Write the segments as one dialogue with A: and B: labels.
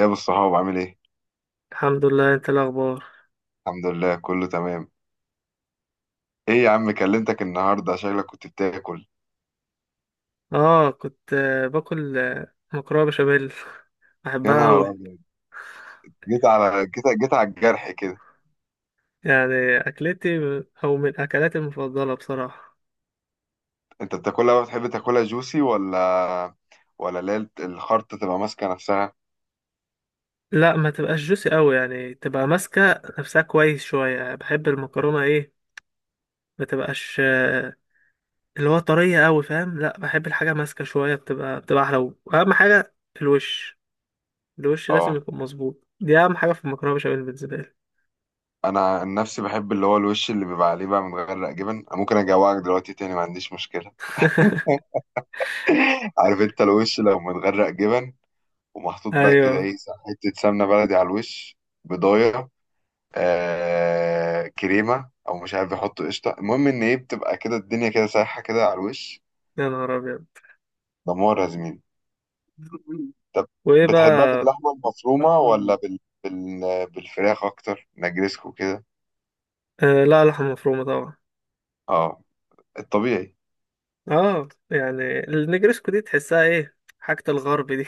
A: يا ابو الصحاب عامل ايه.
B: الحمد لله، انت إيه الاخبار؟
A: الحمد لله كله تمام. ايه يا عم كلمتك النهارده شكلك كنت بتاكل.
B: اه كنت باكل مكرونه بشاميل.
A: يا
B: بحبها
A: نهار
B: قوي.
A: ابيض، جيت على جيت على الجرح كده.
B: يعني اكلتي، او من اكلاتي المفضله بصراحه.
A: انت بتاكلها بقى، بتحب تاكلها جوسي ولا ولا اللي هي الخرطه تبقى ماسكه نفسها؟
B: لا، ما تبقاش جوسي قوي، يعني تبقى ماسكه نفسها كويس شويه، يعني بحب المكرونه، ايه ما تبقاش اللي هو طريه قوي، فاهم. لا، بحب الحاجه ماسكه شويه، بتبقى احلى. واهم حاجه الوش. الوش لازم
A: اه،
B: يكون مظبوط، دي اهم حاجه في المكرونه بشاميل بالنسبه لي.
A: انا عن نفسي بحب اللي هو الوش اللي بيبقى عليه بقى متغرق جبن. أنا ممكن اجوعك دلوقتي تاني، ما عنديش مشكله. عارف انت الوش لو متغرق جبن ومحطوط بقى كده،
B: ايوه.
A: ايه، حته سمنه بلدي على الوش، بضايه، كريمه او مش عارف بيحطوا قشطه، المهم ان ايه، بتبقى كده الدنيا كده سايحه كده على الوش.
B: يا نهار ابيض.
A: دمار يا زميلي. طب
B: وايه
A: بتحبها
B: بقى؟
A: باللحمه المفرومه ولا بالفراخ اكتر، نجرسكو كده.
B: آه، لا، لحمة مفرومة طبعا.
A: اه، الطبيعي.
B: اه، يعني النجرسكو دي تحسها ايه، حاجة الغرب دي.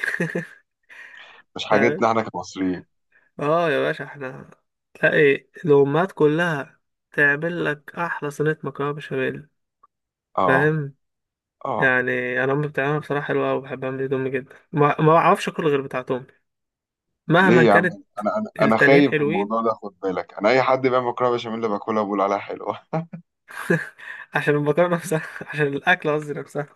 A: مش
B: فاهم.
A: حاجتنا احنا كمصريين.
B: اه يا باشا، احنا تلاقي الأمهات كلها تعمل لك أحلى صينية مكرونة بشاميل.
A: اه.
B: فاهم.
A: اه
B: يعني أنا أمي بتعملها بصراحة حلوة أوي، بحب أعمل دي، أمي جدا ما بعرفش أكل غير بتاعت أمي
A: ليه
B: مهما
A: يا عم؟
B: كانت.
A: انا
B: التانيين
A: خايف من
B: حلوين
A: الموضوع ده، خد بالك، انا اي حد بيعمل مكرونه بشاميل باكلها بقول عليها حلوه.
B: عشان المكرونة نفسها، عشان الأكل قصدي نفسها.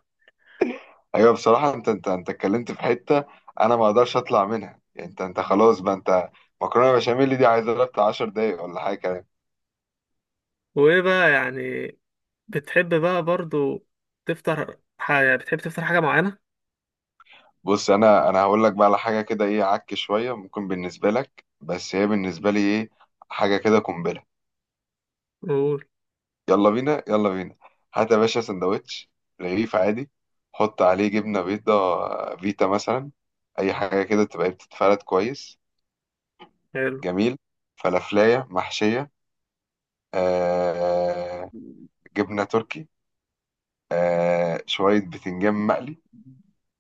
A: ايوه بصراحه، انت اتكلمت في حته انا ما اقدرش اطلع منها. يعني انت خلاص بقى، انت مكرونه بشاميل دي عايزه لها بتاع 10 دقايق ولا حاجه كمان.
B: وإيه بقى يعني، بتحب بقى برضو تفطر حاجة، بتحب تفطر حاجة معينة؟
A: بص، انا هقول لك بقى على حاجه كده، ايه، عك شويه ممكن بالنسبه لك، بس هي بالنسبه لي ايه، حاجه كده قنبله.
B: قول.
A: يلا بينا يلا بينا، هات يا باشا سندوتش، رغيف عادي، حط عليه جبنه بيضه فيتا مثلا، اي حاجه كده تبقى إيه، بتتفرد كويس،
B: حلو.
A: جميل، فلافلايه محشيه، آه، جبنه تركي، آه شوية بتنجان مقلي،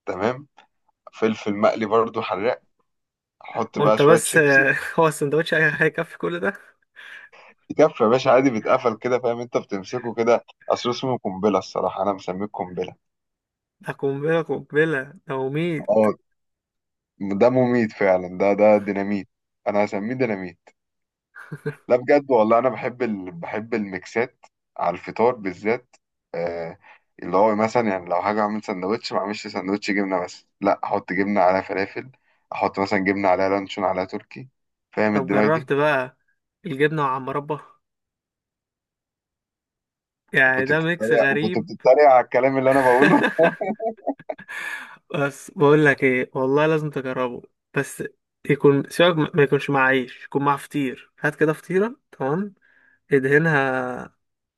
A: تمام، فلفل مقلي برضو حراق، حط بقى
B: وانت
A: شوية
B: بس
A: شيبسي.
B: هو السندوتش هيكفي كل ده؟
A: يكفي يا باشا، عادي بيتقفل كده، فاهم؟ انت بتمسكه كده، اصل اسمه قنبلة، الصراحة انا مسميه قنبلة.
B: ده قنبلة، قنبلة، ده وميل.
A: اه، ده مميت فعلا، ده ده ديناميت، انا هسميه ديناميت. لا بجد والله، انا بحب بحب الميكسات على الفطار بالذات. آه، اللي هو مثلا يعني لو هاجي اعمل سندوتش، ما اعملش سندوتش جبنة بس، لا، احط جبنة على فلافل، احط مثلا جبنة على لانشون على تركي. فاهم
B: طب
A: الدماغ دي؟
B: جربت بقى الجبنة مع مربى؟ يعني
A: كنت
B: ده ميكس
A: بتتريق، وكنت
B: غريب.
A: بتتريق على الكلام اللي انا بقوله.
B: بس بقول لك ايه والله، لازم تجربه. بس يكون سيبك، ما يكونش مع عيش، يكون مع فطير. هات كده فطيرة، تمام. ادهنها،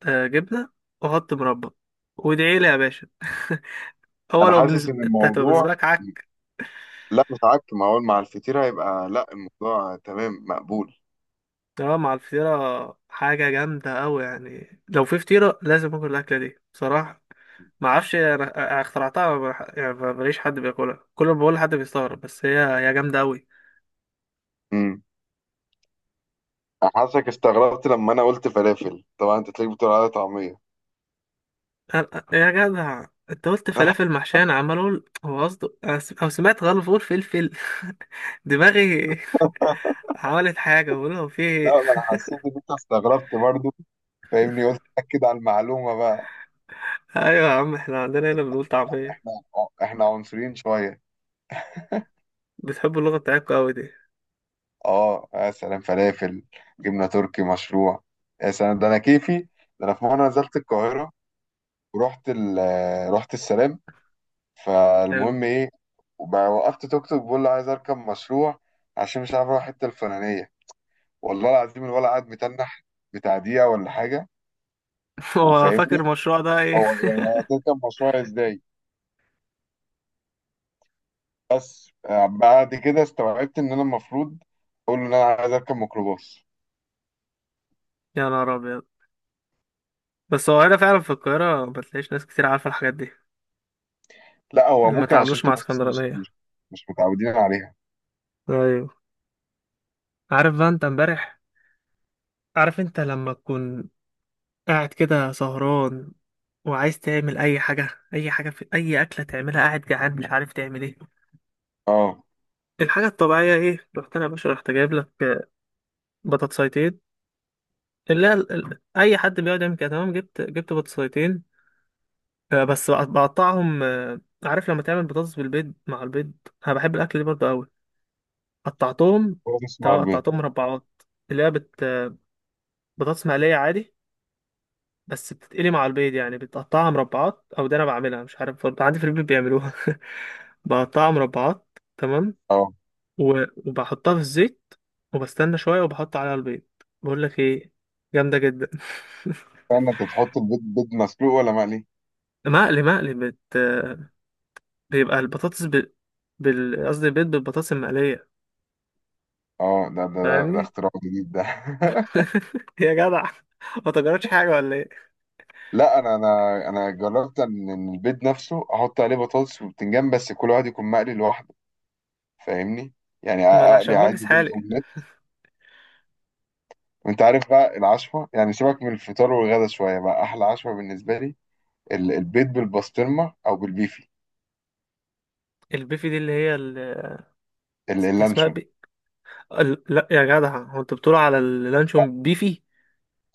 B: جبنة، وحط مربى، وادعي لي يا باشا. هو
A: انا
B: لو
A: حاسس
B: بالنسبة
A: ان
B: انت، هتبقى بالنسبة
A: الموضوع،
B: لك.
A: لا مش عك، ما اقول مع الفطير هيبقى، لا الموضوع تمام، مقبول.
B: اه، مع الفطيرة حاجة جامدة أوي، يعني لو في فطيرة لازم آكل الأكلة دي بصراحة. ما اعرفش، انا اخترعتها. ما بح- يعني ماليش حد بياكلها، كل ما بقول لحد بيستغرب، بس هي جامدة أوي.
A: امم، حاسسك استغربت لما انا قلت فلافل، طبعا انت تلاقيك بتقول عليها طعميه.
B: يا جدع انت قلت فلافل محشية، انا عمال اقول هو قصده، او سمعت غلط بقول فلفل. دماغي. عملت حاجة بقول هو في
A: لا
B: ايه.
A: ما انا حسيت ان انت استغربت برضو، فاهمني؟ قلت اكد على المعلومه بقى.
B: ايوه يا عم، احنا عندنا هنا بنقول طعمية.
A: احنا، احنا عنصريين شويه.
B: بتحبوا اللغة بتاعتكم أوي دي.
A: اه يا سلام، فلافل، جبنه تركي، مشروع، يا سلام ده انا كيفي. ده انا في مره نزلت القاهره، ورحت رحت السلام.
B: حلو.
A: فالمهم ايه، وبقى وقفت توك توك، بقول له عايز اركب مشروع عشان مش عارف اروح الحته الفلانيه. والله العظيم الولد قعد متنح بتاع دقيقه ولا حاجه.
B: هو فاكر
A: وفاهمني،
B: المشروع ده ايه؟
A: هو يعني هتركب مشروع ازاي؟ بس بعد كده استوعبت ان انا المفروض اقول له ان انا عايز اركب ميكروباص.
B: يا نهار أبيض. بس هو هنا فعلا في القاهرة ما تلاقيش ناس كتير عارفة الحاجات دي.
A: لا هو
B: اللي ما
A: ممكن عشان
B: تعاملوش مع
A: انتوا بس مش
B: اسكندرانية.
A: مش مش متعودين عليها.
B: ايوه. عارف بقى انت امبارح، عارف انت لما تكون قاعد كده سهران وعايز تعمل اي حاجة، اي حاجة في اي اكلة تعملها، قاعد جعان مش عارف تعمل ايه.
A: اه.
B: الحاجة الطبيعية ايه، رحت انا يا باشا، رحت جايب لك بطاطسيتين. اللي هي اي حد بيقعد يعمل كده تمام، جبت بطاطسيتين. بس بقطعهم. عارف لما تعمل بطاطس بالبيض مع البيض. انا بحب الاكل دي برضه. قطعتهم،
A: هو بس مع
B: تمام،
A: البيض؟
B: قطعتهم مربعات. اللي هي بطاطس مقلية عادي. بس بتتقلي مع البيض، يعني بتقطعها مربعات أو ده. أنا بعملها، مش عارف برضه عندي في البيت بيعملوها. بقطعها مربعات تمام.
A: اه،
B: و... وبحطها في الزيت، وبستنى شوية، وبحط عليها البيض. بقول لك إيه؟ جامدة جدا.
A: استنى، انت تحط البيض بيض مسلوق ولا مقلي؟
B: مقلي، مقلي. بيبقى البطاطس ب... بال قصدي، البيض بالبطاطس المقلية.
A: اه ده ده ده, ده
B: فاهمني؟
A: اختراع جديد ده.
B: يا جدع، ما تجربتش حاجة ولا إيه؟
A: لا انا جربت ان إن البيض نفسه احط عليه بطاطس وبتنجان، بس كل واحد يكون مقلي لوحده. فاهمني؟ يعني
B: ما أنا
A: اقلي
B: عشان بجس
A: عادي بيض
B: حالي.
A: اومليت. وانت عارف بقى العشوه، يعني سيبك من الفطار والغدا شويه، بقى احلى عشوه بالنسبه لي البيض بالبسطرمه او بالبيفي.
B: البيفي دي اللي هي اسمها
A: اللانشون.
B: لا يا جدع، هو انت بتقول على اللانشون بيفي؟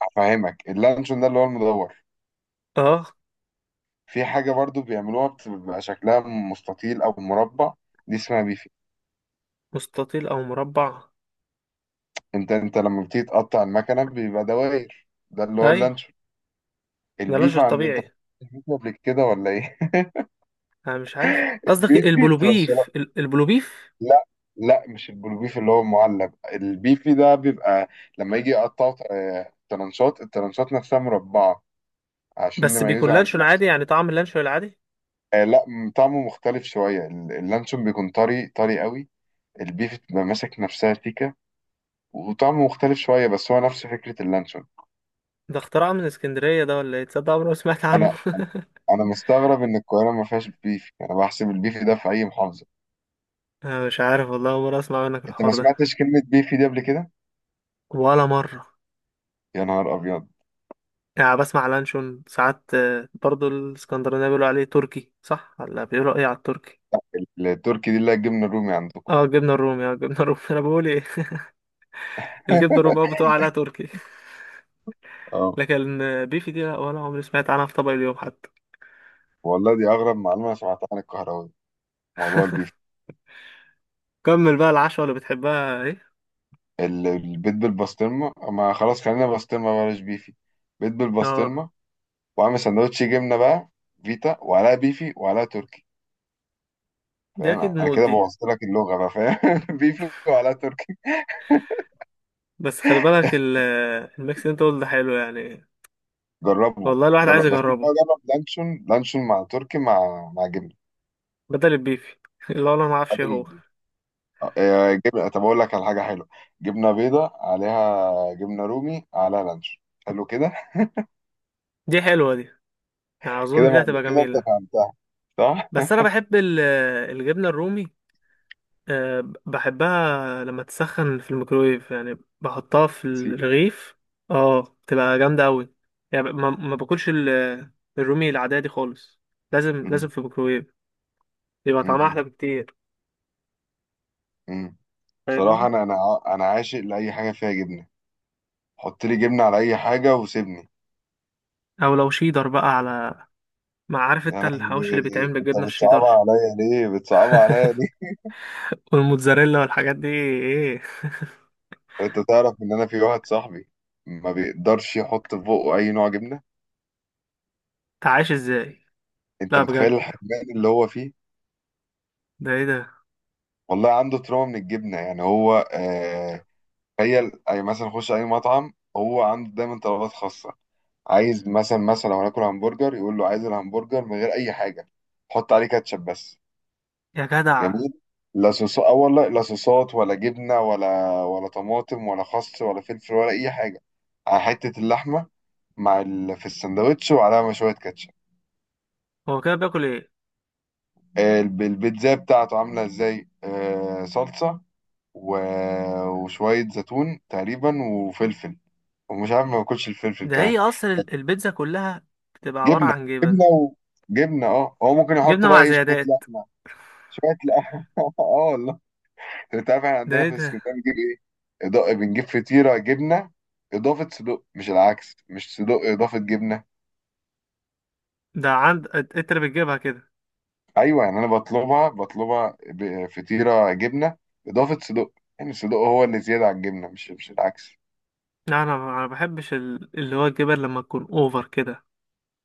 A: هفهمك، اللانشون ده اللي هو المدور،
B: اه،
A: في حاجه برضو بيعملوها بتبقى شكلها مستطيل او مربع، دي اسمها بيفي.
B: مستطيل او مربع.
A: انت لما بتيجي تقطع المكنه بيبقى دواير، ده اللي هو
B: ايوه.
A: اللانشون.
B: ده
A: البيف
B: لانشون
A: عند انت،
B: طبيعي.
A: بتاكل قبل كده ولا ايه؟
B: انا مش عارف قصدك
A: البيفي بتبقى الشرا-
B: البلوبيف، البلوبيف.
A: لا، لا مش البلوبيف اللي هو المعلب، البيفي ده بيبقى لما يجي يقطعوا ترانشات، الترانشات نفسها مربعة، عشان
B: بس بيكون
A: نميزه عن
B: لانشون عادي،
A: اللانشون.
B: يعني طعم اللانشون العادي.
A: آه لا، طعمه مختلف شوية، اللانشون بيكون طري، طري قوي، البيف بتبقى ماسك نفسها سيكة، وطعمه مختلف شوية، بس هو نفس فكرة اللانشون.
B: ده اختراع من اسكندرية ده ولا ايه؟ تصدق عمري ما سمعت
A: أنا،
B: عنه.
A: أنا مستغرب إن القاهرة ما فيهاش بيف. أنا بحسب البيف ده في أي محافظة.
B: انا مش عارف والله، أول مرة اسمع منك
A: أنت ما
B: الحوار ده.
A: سمعتش كلمة بيفي دي قبل كده؟
B: ولا مرة.
A: يا نهار أبيض.
B: يعني بسمع لانشون ساعات، برضو الاسكندرانية بيقولوا عليه تركي صح، ولا بيقولوا ايه على التركي؟
A: التركي دي اللي هي الجبنة الرومي عندكم.
B: اه جبنة الرومي، اه جبنة الرومي. انا بقول ايه؟ الكبده الرباعي بتقع عليها تركي.
A: اه.
B: لكن بيفي دي لا، ولا عمري سمعت عنها في طبق اليوم حتى.
A: والله دي أغرب معلومة أنا سمعتها عن الكهراوي، موضوع البيف.
B: كمل بقى العشوة اللي بتحبها ايه.
A: البيض بالبسطرمة، ما خلاص خلينا بسطرمة، بلاش بيفي. بيض
B: اه،
A: بالبسطرمة، وعامل سندوتش جبنة بقى، فيتا وعليها بيفي وعليها تركي.
B: دي
A: فاهم؟
B: اكيد
A: أنا
B: موت
A: كده
B: دي.
A: بوظت لك اللغة بقى، فاهم؟ بيفي وعليها تركي.
B: بس خلي بالك الميكس اللي انت قلت ده حلو يعني.
A: جربه،
B: والله الواحد عايز
A: جرب. بس أنت بقى
B: يجربه
A: جرب لانشون، مع تركي، مع جبنة.
B: بدل البيفي. اللي هو انا ما اعرفش ايه هو.
A: آه، جبنة. طب أقول لك على حاجة حلوة، جبنة بيضة عليها جبنة رومي على لانش، حلو كده.
B: دي حلوه دي، يعني
A: كده
B: اظن دي
A: مع...
B: هتبقى
A: كده أنت
B: جميله.
A: فهمتها، صح؟
B: بس انا بحب الجبنه الرومي. أه بحبها لما تسخن في الميكرويف يعني، بحطها في
A: سيدي.
B: الرغيف. اه بتبقى جامدة أوي، يعني ما باكلش الرومي العادية دي خالص. لازم، لازم
A: أمم،
B: في الميكرويف. يبقى طعمها أحلى
A: أمم،
B: بكتير.
A: أمم. بصراحة
B: فاهمني؟
A: أنا، أنا عاشق لأي حاجة فيها جبنة. حط لي جبنة على أي حاجة وسيبني.
B: أو لو شيدر بقى على، ما عارف
A: يا
B: انت الحواوشي اللي بيتعمل
A: لهوي، أنت
B: بالجبنة
A: بتصعبها
B: الشيدر؟
A: عليا ليه؟ بتصعبها عليا ليه؟
B: والموتزاريلا والحاجات دي ايه؟
A: أنت تعرف إن أنا في واحد صاحبي ما بيقدرش يحط في بقه أي نوع جبنة؟
B: انت عايش ازاي؟
A: أنت
B: لا بجد،
A: متخيل الحرمان اللي هو فيه؟
B: ده ايه ده
A: والله عنده تروما من الجبنة، يعني هو آه. تخيل اي، مثلا خش اي مطعم، هو عنده دايما طلبات خاصه، عايز مثلا، مثلا لو هناكل همبرجر يقول له عايز الهمبرجر من غير اي حاجه، حط عليه كاتشب بس.
B: يا جدع؟
A: جميل. لا صوصات، اه والله، لا صوصات ولا جبنه ولا طماطم ولا خس ولا فلفل ولا اي حاجه، على حته اللحمه مع في السندوتش، وعليها مشويه كاتشب.
B: هو كده بياكل ايه؟
A: آه، البيتزا بتاعته عامله ازاي، آه، صلصه، و... وشويه زيتون تقريبا وفلفل، ومش عارف، ما باكلش الفلفل
B: ده
A: كمان.
B: هي اصلا البيتزا كلها بتبقى عبارة
A: جبنه،
B: عن جبن.
A: جبنه، وجبنه. اه هو ممكن يحط
B: جبنة
A: بقى
B: مع
A: ايه شويه
B: زيادات.
A: لحمه، شويه لحمه. اه والله. انت عارف احنا
B: ده
A: عندنا
B: ايه
A: في
B: ده؟
A: اسكندريه بنجيب ايه، إضاءة، بنجيب فطيره جبنه اضافه صدق، مش العكس، مش صدق اضافه جبنه.
B: ده عند انت اللي بتجيبها كده؟
A: ايوه يعني انا بطلبها، فطيره جبنه اضافه صدق، يعني الصدق هو اللي زياده عن الجبنه، مش العكس.
B: لا انا ما بحبش اللي هو الجبن لما تكون اوفر كده.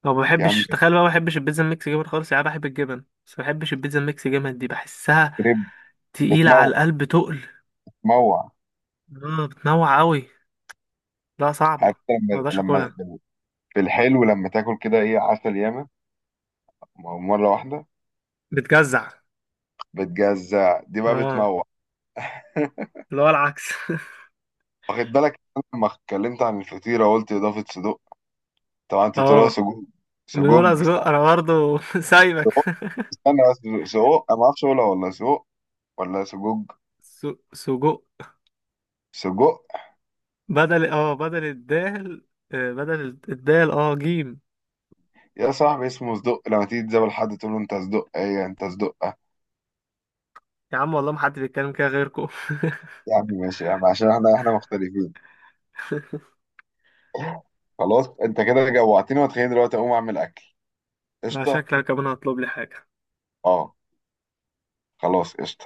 B: او ما
A: يا عم،
B: بحبش، تخيل بقى، ما بحبش البيتزا الميكس جبن خالص، يعني أنا بحب الجبن بس ما بحبش البيتزا الميكس جبن دي، بحسها
A: كريب،
B: تقيلة على
A: بتموع،
B: القلب تقل.
A: بتموع.
B: اه بتنوع قوي، لا صعبة
A: عارف
B: ما
A: لما،
B: اقدرش
A: لما
B: اكلها.
A: في الحلو لما تاكل كده، ايه، عسل ياما مره واحده،
B: بتجزع.
A: بتجزع، دي بقى
B: اه،
A: بتموع.
B: اللي هو العكس.
A: واخد بالك إن أنا لما اتكلمت عن الفطيرة قلت إضافة صدق؟ طبعا أنت بتقولها
B: اه،
A: سجوج.
B: بنقول
A: سجوج
B: سجق
A: صح؟
B: انا برضه. سايبك.
A: سجق. استنى بس، سجق أنا ما أعرفش أقولها ولا سجق ولا سجوج.
B: س- سجق.
A: سجق.
B: بدل بدل الدال، بدل الدال جيم.
A: يا صاحبي اسمه صدق، لما تيجي تزابل حد تقول له أنت صدق إيه، يعني أنت صدق.
B: يا عم والله، ما حد بيتكلم كده غيركم.
A: يا عم ماشي يا عم، عشان إحنا، إحنا مختلفين. خلاص أنت كده جوعتني، وتخيل دلوقتي أقوم أعمل أكل.
B: لا
A: قشطة.
B: شكلك كمان هطلب لي حاجة.
A: أه، خلاص قشطة،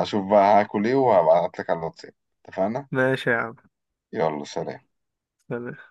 A: هشوف بقى هاكل إيه وهبعتلك على الواتساب. اتفقنا؟
B: ماشي يا عم.
A: يلا سلام.
B: سلام.